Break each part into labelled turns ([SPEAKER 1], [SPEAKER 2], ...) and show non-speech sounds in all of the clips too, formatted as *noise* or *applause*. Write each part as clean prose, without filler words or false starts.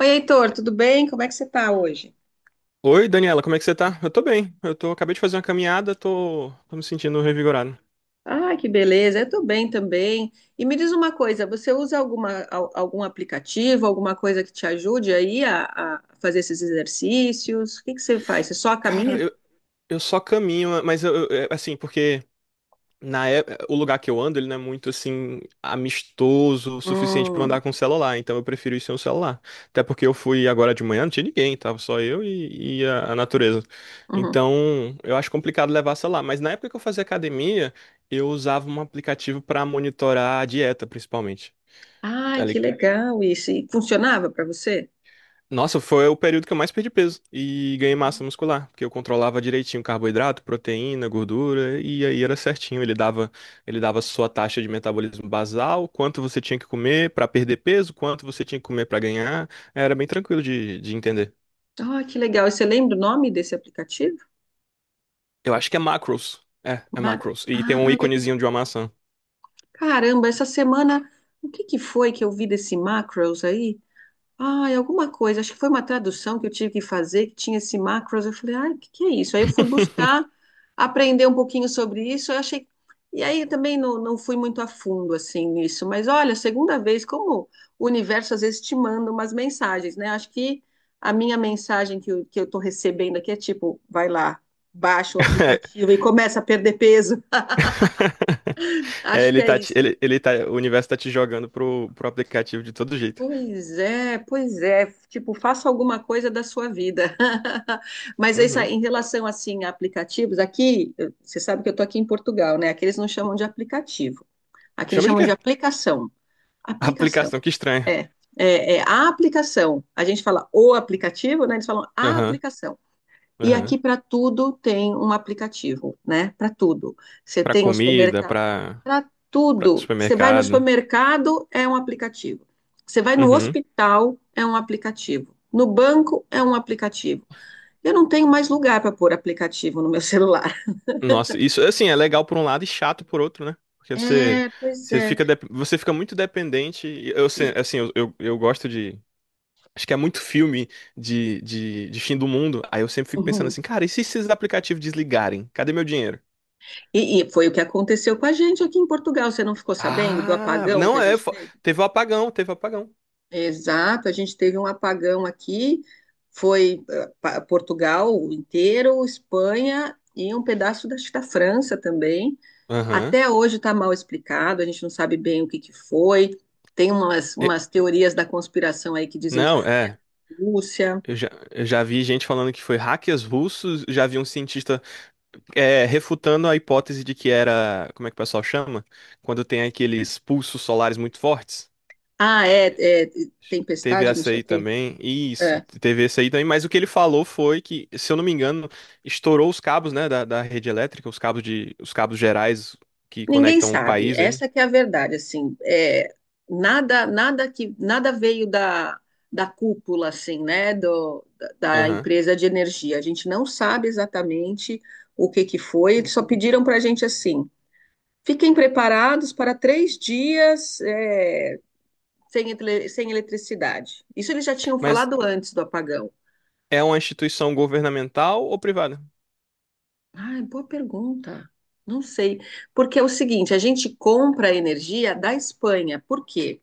[SPEAKER 1] Oi, Heitor, tudo bem? Como é que você está hoje?
[SPEAKER 2] Oi, Daniela, como é que você tá? Eu tô bem. Eu tô, acabei de fazer uma caminhada, tô me sentindo revigorado.
[SPEAKER 1] Ah, que beleza, eu estou bem também. E me diz uma coisa, você usa alguma, algum aplicativo, alguma coisa que te ajude aí a fazer esses exercícios? O que que você faz? Você só
[SPEAKER 2] Cara,
[SPEAKER 1] caminha?
[SPEAKER 2] eu só caminho, mas é, assim, porque na é- o lugar que eu ando, ele não é muito assim amistoso o suficiente pra eu
[SPEAKER 1] Hum,
[SPEAKER 2] andar com o celular, então eu prefiro ir sem o celular. Até porque eu fui agora de manhã, não tinha ninguém, tava só eu e a natureza.
[SPEAKER 1] uhum.
[SPEAKER 2] Então, eu acho complicado levar celular, mas na época que eu fazia academia, eu usava um aplicativo pra monitorar a dieta, principalmente.
[SPEAKER 1] Ai, que legal isso. E funcionava para você?
[SPEAKER 2] Nossa, foi o período que eu mais perdi peso e ganhei massa muscular, porque eu controlava direitinho carboidrato, proteína, gordura, e aí era certinho. Ele dava sua taxa de metabolismo basal, quanto você tinha que comer para perder peso, quanto você tinha que comer para ganhar. Era bem tranquilo de entender.
[SPEAKER 1] Ah, que legal. E você lembra o nome desse aplicativo?
[SPEAKER 2] Eu acho que é macros. É
[SPEAKER 1] Macro.
[SPEAKER 2] macros. E tem
[SPEAKER 1] Ah,
[SPEAKER 2] um
[SPEAKER 1] legal.
[SPEAKER 2] íconezinho de uma maçã.
[SPEAKER 1] Caramba, essa semana, o que que foi que eu vi desse Macros aí? Ai, alguma coisa, acho que foi uma tradução que eu tive que fazer, que tinha esse macros, eu falei, ai, o que que é isso? Aí eu fui
[SPEAKER 2] *laughs*
[SPEAKER 1] buscar, aprender um pouquinho sobre isso, eu achei, e aí também não, não fui muito a fundo, assim, nisso, mas olha, segunda vez, como o universo às vezes te manda umas mensagens, né? Acho que a minha mensagem que eu tô recebendo aqui é tipo, vai lá, baixa o
[SPEAKER 2] É.
[SPEAKER 1] aplicativo e começa a perder peso,
[SPEAKER 2] *laughs*
[SPEAKER 1] *laughs*
[SPEAKER 2] É,
[SPEAKER 1] acho que é isso.
[SPEAKER 2] ele tá, o universo tá te jogando pro aplicativo de todo jeito.
[SPEAKER 1] Pois é, pois é. Tipo, faça alguma coisa da sua vida. *laughs* Mas é isso
[SPEAKER 2] Uhum.
[SPEAKER 1] aí, em relação assim a aplicativos, aqui, você sabe que eu estou aqui em Portugal, né? Aqui eles não chamam de aplicativo. Aqui eles
[SPEAKER 2] Chama de
[SPEAKER 1] chamam
[SPEAKER 2] quê?
[SPEAKER 1] de aplicação. Aplicação.
[SPEAKER 2] Aplicação, que estranho.
[SPEAKER 1] É, é a aplicação. A gente fala o aplicativo, né? Eles falam a aplicação. E
[SPEAKER 2] Aham.
[SPEAKER 1] aqui para tudo tem um aplicativo, né? Para tudo. Você
[SPEAKER 2] Pra
[SPEAKER 1] tem o
[SPEAKER 2] comida,
[SPEAKER 1] supermercado.
[SPEAKER 2] pra,
[SPEAKER 1] Para
[SPEAKER 2] pra
[SPEAKER 1] tudo. Você vai no
[SPEAKER 2] supermercado.
[SPEAKER 1] supermercado, é um aplicativo. Você vai no
[SPEAKER 2] Uhum.
[SPEAKER 1] hospital, é um aplicativo. No banco, é um aplicativo. Eu não tenho mais lugar para pôr aplicativo no meu *laughs* celular.
[SPEAKER 2] Nossa, isso assim é legal por um lado e chato por outro, né? Porque você,
[SPEAKER 1] É, pois
[SPEAKER 2] você
[SPEAKER 1] é.
[SPEAKER 2] fica, dep- você fica muito dependente. E Eu, se-
[SPEAKER 1] E,
[SPEAKER 2] assim, eu gosto de. Acho que é muito filme de fim do mundo. Aí eu sempre fico pensando
[SPEAKER 1] uhum.
[SPEAKER 2] assim, cara, e se esses aplicativos desligarem? Cadê meu dinheiro?
[SPEAKER 1] E foi o que aconteceu com a gente aqui em Portugal. Você não ficou sabendo do
[SPEAKER 2] Ah,
[SPEAKER 1] apagão que a
[SPEAKER 2] não é.
[SPEAKER 1] gente teve?
[SPEAKER 2] Teve o apagão, teve o apagão.
[SPEAKER 1] Exato, a gente teve um apagão aqui, foi Portugal inteiro, Espanha e um pedaço da, acho que da França também.
[SPEAKER 2] Aham.
[SPEAKER 1] Até hoje está mal explicado, a gente não sabe bem o que que foi. Tem umas,
[SPEAKER 2] E-
[SPEAKER 1] umas teorias da conspiração aí que dizem que
[SPEAKER 2] Não,
[SPEAKER 1] foi
[SPEAKER 2] é.
[SPEAKER 1] a Rússia.
[SPEAKER 2] Eu já vi gente falando que foi hackers russos, já vi um cientista, refutando a hipótese de que era, como é que o pessoal chama? Quando tem aqueles pulsos solares muito fortes.
[SPEAKER 1] Ah, é, é,
[SPEAKER 2] Teve
[SPEAKER 1] tempestade, não
[SPEAKER 2] essa
[SPEAKER 1] sei o
[SPEAKER 2] aí
[SPEAKER 1] quê.
[SPEAKER 2] também. Isso,
[SPEAKER 1] É.
[SPEAKER 2] teve essa aí também. Mas o que ele falou foi que, se eu não me engano, estourou os cabos, né, da rede elétrica, os cabos gerais que
[SPEAKER 1] Ninguém
[SPEAKER 2] conectam o
[SPEAKER 1] sabe.
[SPEAKER 2] país, hein?
[SPEAKER 1] Essa que é a verdade, assim, é, nada veio da, da, cúpula, assim, né, da
[SPEAKER 2] Aham.
[SPEAKER 1] empresa de energia. A gente não sabe exatamente o que que foi. Eles só pediram para a gente assim, fiquem preparados para 3 dias, sem eletricidade. Isso eles já tinham
[SPEAKER 2] Mas
[SPEAKER 1] falado antes do apagão.
[SPEAKER 2] é uma instituição governamental ou privada?
[SPEAKER 1] Ah, boa pergunta. Não sei. Porque é o seguinte, a gente compra a energia da Espanha. Por quê?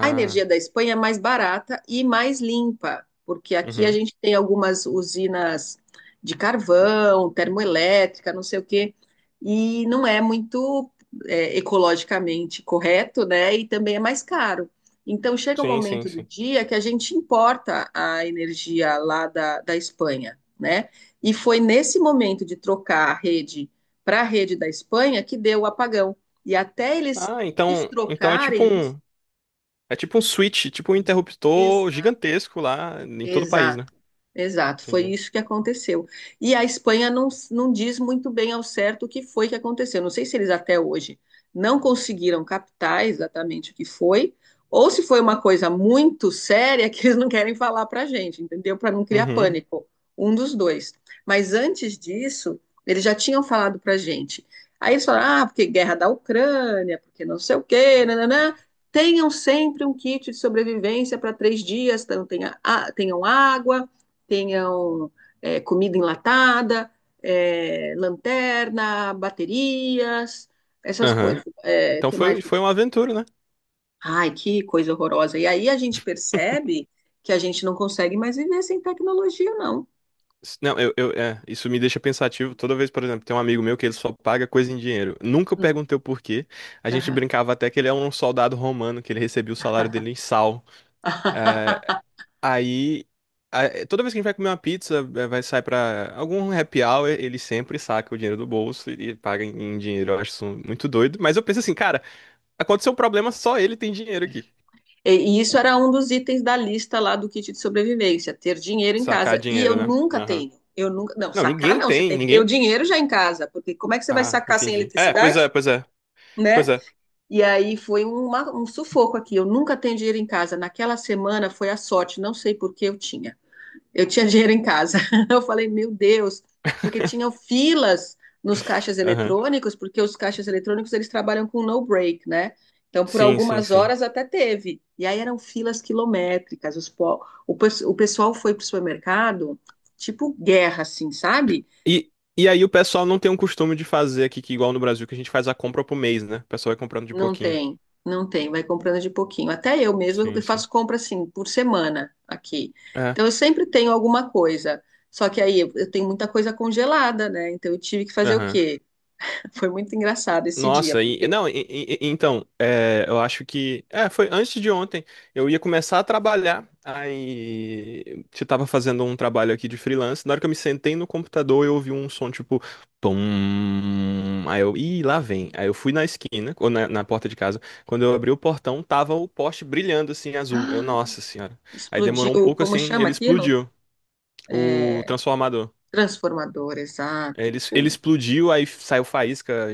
[SPEAKER 1] A energia da Espanha é mais barata e mais limpa, porque aqui a
[SPEAKER 2] uhum.
[SPEAKER 1] gente tem algumas usinas de carvão, termoelétrica, não sei o quê, e não é muito ecologicamente correto, né? E também é mais caro. Então chega um
[SPEAKER 2] Sim, sim,
[SPEAKER 1] momento do
[SPEAKER 2] sim.
[SPEAKER 1] dia que a gente importa a energia lá da Espanha, né? E foi nesse momento de trocar a rede para a rede da Espanha que deu o apagão. E até eles
[SPEAKER 2] Ah, então, então é tipo
[SPEAKER 1] destrocarem isso.
[SPEAKER 2] um É tipo um switch, tipo um interruptor
[SPEAKER 1] exa-
[SPEAKER 2] gigantesco lá em todo o país,
[SPEAKER 1] Exato.
[SPEAKER 2] né?
[SPEAKER 1] Exato, foi
[SPEAKER 2] Entendi.
[SPEAKER 1] isso que aconteceu. E a Espanha não, não diz muito bem ao certo o que foi que aconteceu. Não sei se eles até hoje não conseguiram captar exatamente o que foi, ou se foi uma coisa muito séria que eles não querem falar para a gente, entendeu? Para não criar
[SPEAKER 2] Uhum.
[SPEAKER 1] pânico. Um dos dois. Mas antes disso, eles já tinham falado para a gente. Aí eles falaram: ah, porque guerra da Ucrânia, porque não sei o quê, nananã. Tenham sempre um kit de sobrevivência para 3 dias, então tenham água, tenham comida enlatada, lanterna, baterias, essas
[SPEAKER 2] Aham.
[SPEAKER 1] coisas. É,
[SPEAKER 2] Então
[SPEAKER 1] que mais?
[SPEAKER 2] foi uma aventura, né?
[SPEAKER 1] Ai, que coisa horrorosa. E aí a gente percebe que a gente não consegue mais viver sem tecnologia, não.
[SPEAKER 2] Não, isso me deixa pensativo. Toda vez, por exemplo, tem um amigo meu que ele só paga coisa em dinheiro. Nunca eu
[SPEAKER 1] Hum,
[SPEAKER 2] perguntei o porquê. A gente
[SPEAKER 1] aham.
[SPEAKER 2] brincava até que ele é um soldado romano, que ele recebia o salário dele em sal.
[SPEAKER 1] *laughs*
[SPEAKER 2] É, aí, toda vez que a gente vai comer uma pizza, vai sair pra algum happy hour, ele sempre saca o dinheiro do bolso e paga em dinheiro. Eu acho isso muito doido. Mas eu penso assim, cara. Aconteceu um problema, só ele tem dinheiro aqui.
[SPEAKER 1] E e isso era um dos itens da lista lá do kit de sobrevivência, ter dinheiro em
[SPEAKER 2] Sacar
[SPEAKER 1] casa. E eu
[SPEAKER 2] dinheiro, né?
[SPEAKER 1] nunca
[SPEAKER 2] Aham.
[SPEAKER 1] tenho. Eu nunca, não,
[SPEAKER 2] Não,
[SPEAKER 1] sacar
[SPEAKER 2] ninguém
[SPEAKER 1] não, você
[SPEAKER 2] tem,
[SPEAKER 1] tem que ter o
[SPEAKER 2] ninguém.
[SPEAKER 1] dinheiro já em casa, porque como é que você vai
[SPEAKER 2] Ah,
[SPEAKER 1] sacar sem
[SPEAKER 2] entendi. É, pois é,
[SPEAKER 1] eletricidade,
[SPEAKER 2] pois é, pois
[SPEAKER 1] né?
[SPEAKER 2] é.
[SPEAKER 1] E aí foi um sufoco aqui. Eu nunca tenho dinheiro em casa. Naquela semana foi a sorte, não sei por que eu tinha. Eu tinha *laughs* dinheiro em casa. *laughs* Eu falei, meu Deus, porque tinham filas nos caixas
[SPEAKER 2] Aham.
[SPEAKER 1] eletrônicos, porque os caixas eletrônicos eles trabalham com no break, né? Então, por
[SPEAKER 2] Sim, sim,
[SPEAKER 1] algumas
[SPEAKER 2] sim.
[SPEAKER 1] horas até teve. E aí eram filas quilométricas. Os po- o, pes- o pessoal foi para o supermercado, tipo guerra, assim, sabe?
[SPEAKER 2] E, e aí o pessoal não tem um costume de fazer aqui, que igual no Brasil, que a gente faz a compra pro mês, né? O pessoal vai comprando de
[SPEAKER 1] Não
[SPEAKER 2] pouquinho.
[SPEAKER 1] tem, não tem, vai comprando de pouquinho. Até eu mesma eu
[SPEAKER 2] Sim, sim.
[SPEAKER 1] faço compra assim por semana aqui.
[SPEAKER 2] É.
[SPEAKER 1] Então eu sempre tenho alguma coisa. Só que aí eu tenho muita coisa congelada, né? Então eu tive que fazer o
[SPEAKER 2] Aham.
[SPEAKER 1] quê? *laughs* Foi muito engraçado esse dia,
[SPEAKER 2] Nossa, e,
[SPEAKER 1] porque
[SPEAKER 2] não, então, eu acho que, foi antes de ontem. Eu ia começar a trabalhar, aí eu tava fazendo um trabalho aqui de freelance, na hora que eu me sentei no computador, eu ouvi um som, tipo, pum, aí eu, ih, lá vem, aí eu fui na esquina, ou na porta de casa. Quando eu abri o portão, tava o poste brilhando, assim,
[SPEAKER 1] *gasps*
[SPEAKER 2] azul, eu,
[SPEAKER 1] ah,
[SPEAKER 2] nossa senhora, aí
[SPEAKER 1] explodiu,
[SPEAKER 2] demorou um pouco,
[SPEAKER 1] como
[SPEAKER 2] assim,
[SPEAKER 1] chama
[SPEAKER 2] ele
[SPEAKER 1] aquilo?
[SPEAKER 2] explodiu, o
[SPEAKER 1] É,
[SPEAKER 2] transformador.
[SPEAKER 1] transformador,
[SPEAKER 2] É.
[SPEAKER 1] exato.
[SPEAKER 2] Ele explodiu, aí saiu faísca,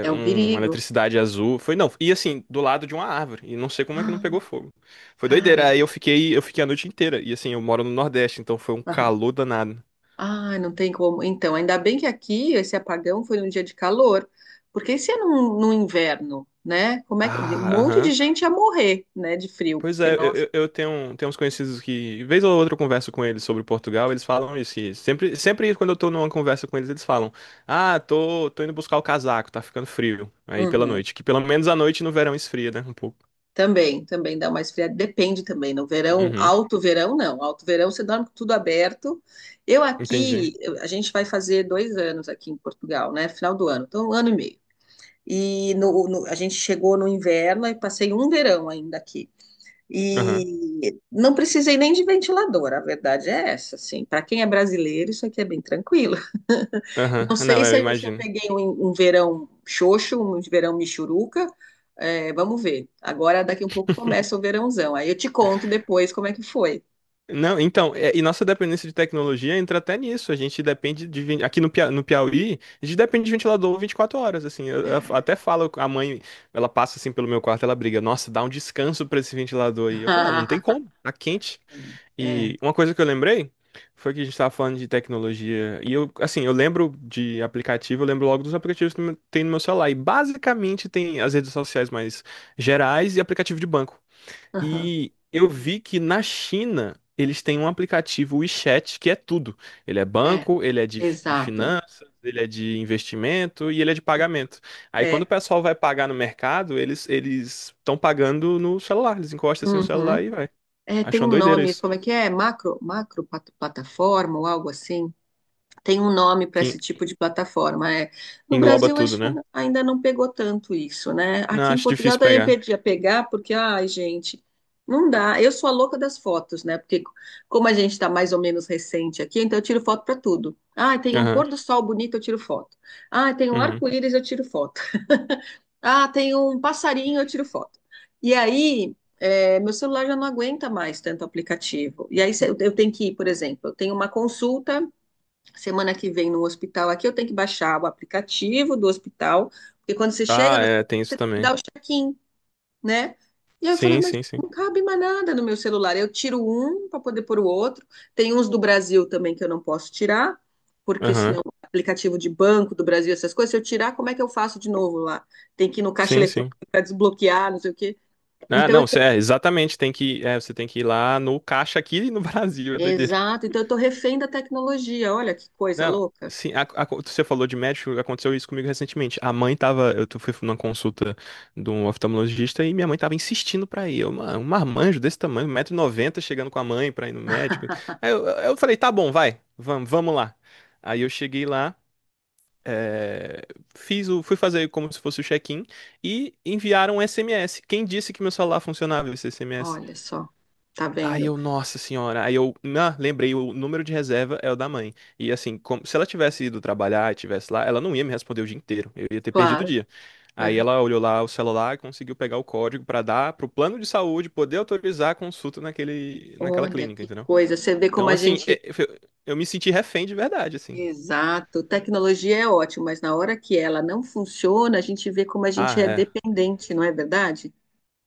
[SPEAKER 1] É um
[SPEAKER 2] uma
[SPEAKER 1] perigo. *gasps*
[SPEAKER 2] eletricidade azul. Foi, não, e assim, do lado de uma árvore. E não sei como é que não
[SPEAKER 1] Ah,
[SPEAKER 2] pegou fogo. Foi doideira.
[SPEAKER 1] cara.
[SPEAKER 2] Aí eu fiquei a noite inteira. E assim, eu moro no Nordeste, então foi um
[SPEAKER 1] *laughs*
[SPEAKER 2] calor danado.
[SPEAKER 1] Ah, não tem como. Então, ainda bem que aqui esse apagão foi num dia de calor, porque se é num, inverno, né? Como é que um
[SPEAKER 2] Ah,
[SPEAKER 1] monte de
[SPEAKER 2] aham.
[SPEAKER 1] gente ia morrer, né, de frio,
[SPEAKER 2] Pois
[SPEAKER 1] porque
[SPEAKER 2] é, eu,
[SPEAKER 1] nós.
[SPEAKER 2] eu tenho uns conhecidos que, vez ou outra, eu converso com eles sobre Portugal, eles falam isso, que sempre, sempre quando eu tô numa conversa com eles, eles falam: Ah, tô indo buscar o casaco, tá ficando frio. Aí pela
[SPEAKER 1] Uhum.
[SPEAKER 2] noite. Que pelo menos à noite no verão esfria, né? Um pouco.
[SPEAKER 1] Também, também dá uma esfriada, depende também. No verão,
[SPEAKER 2] Uhum,
[SPEAKER 1] alto verão não, alto verão você dorme com tudo aberto. Eu
[SPEAKER 2] entendi.
[SPEAKER 1] aqui, a gente vai fazer 2 anos aqui em Portugal, né? Final do ano, então 1 ano e meio. E no, a gente chegou no inverno e passei um verão ainda aqui.
[SPEAKER 2] Aham.
[SPEAKER 1] E não precisei nem de ventilador, a verdade é essa, assim. Para quem é brasileiro, isso aqui é bem tranquilo. *laughs* Não
[SPEAKER 2] Aham.
[SPEAKER 1] sei
[SPEAKER 2] Não,
[SPEAKER 1] se
[SPEAKER 2] eu
[SPEAKER 1] eu, se eu
[SPEAKER 2] imagino.
[SPEAKER 1] peguei um verão xoxo, um verão michuruca. É, vamos ver. Agora, daqui um pouco, começa o verãozão. Aí eu te conto depois como é que foi.
[SPEAKER 2] Não, então, e nossa dependência de tecnologia entra até nisso. A gente depende de, aqui no Piauí, a gente depende de ventilador 24 horas, assim. Eu
[SPEAKER 1] É.
[SPEAKER 2] até falo com a mãe, ela passa assim pelo meu quarto, ela briga, nossa, dá um descanso pra esse ventilador aí. Eu falo, "Ah, não tem
[SPEAKER 1] *laughs*
[SPEAKER 2] como, tá quente."
[SPEAKER 1] É, é,
[SPEAKER 2] E uma coisa que eu lembrei foi que a gente tava falando de tecnologia. E eu, assim, eu lembro de aplicativo, eu lembro logo dos aplicativos que tem no meu celular. E basicamente tem as redes sociais mais gerais e aplicativo de banco.
[SPEAKER 1] aham,
[SPEAKER 2] E eu vi que na China eles têm um aplicativo WeChat que é tudo. Ele é
[SPEAKER 1] é,
[SPEAKER 2] banco, ele é de
[SPEAKER 1] exato.
[SPEAKER 2] finanças, ele é de investimento e ele é de pagamento. Aí quando o
[SPEAKER 1] É,
[SPEAKER 2] pessoal vai pagar no mercado, eles estão pagando no celular. Eles encostam assim no
[SPEAKER 1] uhum.
[SPEAKER 2] celular e vai.
[SPEAKER 1] É,
[SPEAKER 2] Acho
[SPEAKER 1] tem
[SPEAKER 2] uma
[SPEAKER 1] um
[SPEAKER 2] doideira
[SPEAKER 1] nome, isso
[SPEAKER 2] isso.
[SPEAKER 1] como é que é? Macro, macro plataforma ou algo assim. Tem um nome para
[SPEAKER 2] Que
[SPEAKER 1] esse
[SPEAKER 2] en-
[SPEAKER 1] tipo de plataforma. É.
[SPEAKER 2] que
[SPEAKER 1] No
[SPEAKER 2] engloba
[SPEAKER 1] Brasil,
[SPEAKER 2] tudo,
[SPEAKER 1] acho que
[SPEAKER 2] né?
[SPEAKER 1] ainda não pegou tanto isso, né?
[SPEAKER 2] Não,
[SPEAKER 1] Aqui em
[SPEAKER 2] acho
[SPEAKER 1] Portugal
[SPEAKER 2] difícil
[SPEAKER 1] também
[SPEAKER 2] pegar.
[SPEAKER 1] podia pegar, porque, ai, gente, não dá. Eu sou a louca das fotos, né? Porque como a gente está mais ou menos recente aqui, então eu tiro foto para tudo. Ah, tem um
[SPEAKER 2] Aham.
[SPEAKER 1] pôr do sol bonito, eu tiro foto. Ah, tem um
[SPEAKER 2] Uhum.
[SPEAKER 1] arco-íris, eu tiro foto. *laughs* Ah, tem um passarinho, eu tiro foto. E aí, meu celular já não aguenta mais tanto aplicativo. E aí, se eu tenho que ir, por exemplo, eu tenho uma consulta semana que vem no hospital aqui, eu tenho que baixar o aplicativo do hospital, porque quando você chega
[SPEAKER 2] Ah,
[SPEAKER 1] no
[SPEAKER 2] é,
[SPEAKER 1] hospital,
[SPEAKER 2] tem isso
[SPEAKER 1] você tem que dar
[SPEAKER 2] também.
[SPEAKER 1] o check-in, né? E aí eu falei,
[SPEAKER 2] Sim,
[SPEAKER 1] mas
[SPEAKER 2] sim, sim.
[SPEAKER 1] não cabe mais nada no meu celular. Eu tiro um para poder pôr o outro. Tem uns do Brasil também que eu não posso tirar, porque
[SPEAKER 2] Aham.
[SPEAKER 1] senão o aplicativo de banco do Brasil, essas coisas, se eu tirar, como é que eu faço de novo lá? Tem que ir no caixa
[SPEAKER 2] Sim,
[SPEAKER 1] eletrônico
[SPEAKER 2] sim.
[SPEAKER 1] para desbloquear, não sei o quê.
[SPEAKER 2] Ah,
[SPEAKER 1] Então, eu
[SPEAKER 2] não,
[SPEAKER 1] tô,
[SPEAKER 2] exatamente. Você tem que ir lá no caixa aqui no *laughs* Brasil, é doideira.
[SPEAKER 1] exato, então eu tô refém da tecnologia. Olha que coisa
[SPEAKER 2] Não,
[SPEAKER 1] louca.
[SPEAKER 2] sim, você falou de médico, aconteceu isso comigo recentemente. A mãe tava, fui numa consulta de um oftalmologista e minha mãe tava insistindo pra ir. Eu, um marmanjo desse tamanho, 1,90 noventa, chegando com a mãe pra ir no médico. Aí eu falei, tá bom, vai, vamos, vamos lá. Aí eu cheguei lá, é, fui fazer como se fosse o check-in e enviaram um SMS. Quem disse que meu celular funcionava esse SMS?
[SPEAKER 1] Olha só, tá
[SPEAKER 2] Aí
[SPEAKER 1] vendo?
[SPEAKER 2] eu, nossa senhora, aí eu, ah, lembrei, o número de reserva é o da mãe. E assim, se ela tivesse ido trabalhar e tivesse lá, ela não ia me responder o dia inteiro, eu ia ter perdido o
[SPEAKER 1] Claro.
[SPEAKER 2] dia.
[SPEAKER 1] Né?
[SPEAKER 2] Aí ela olhou lá o celular e conseguiu pegar o código pra dar pro plano de saúde poder autorizar a consulta naquela
[SPEAKER 1] Olha,
[SPEAKER 2] clínica,
[SPEAKER 1] que
[SPEAKER 2] entendeu?
[SPEAKER 1] coisa. Você vê como
[SPEAKER 2] Então,
[SPEAKER 1] a
[SPEAKER 2] assim,
[SPEAKER 1] gente.
[SPEAKER 2] eu me senti refém de verdade, assim.
[SPEAKER 1] Exato. Tecnologia é ótimo, mas na hora que ela não funciona, a gente vê como a gente
[SPEAKER 2] Ah,
[SPEAKER 1] é
[SPEAKER 2] é.
[SPEAKER 1] dependente, não é verdade?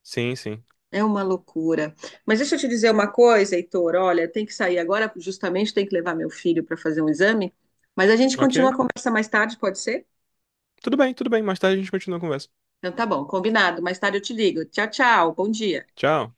[SPEAKER 2] Sim, sim.
[SPEAKER 1] É uma loucura. Mas deixa eu te dizer uma coisa, Heitor. Olha, tem que sair agora, justamente tem que levar meu filho para fazer um exame. Mas a gente continua a
[SPEAKER 2] Ok.
[SPEAKER 1] conversa mais tarde, pode ser?
[SPEAKER 2] Tudo bem, tudo bem. Mais tarde a gente continua a conversa.
[SPEAKER 1] Então tá bom, combinado. Mais tarde eu te ligo. Tchau, tchau. Bom dia.
[SPEAKER 2] Tchau.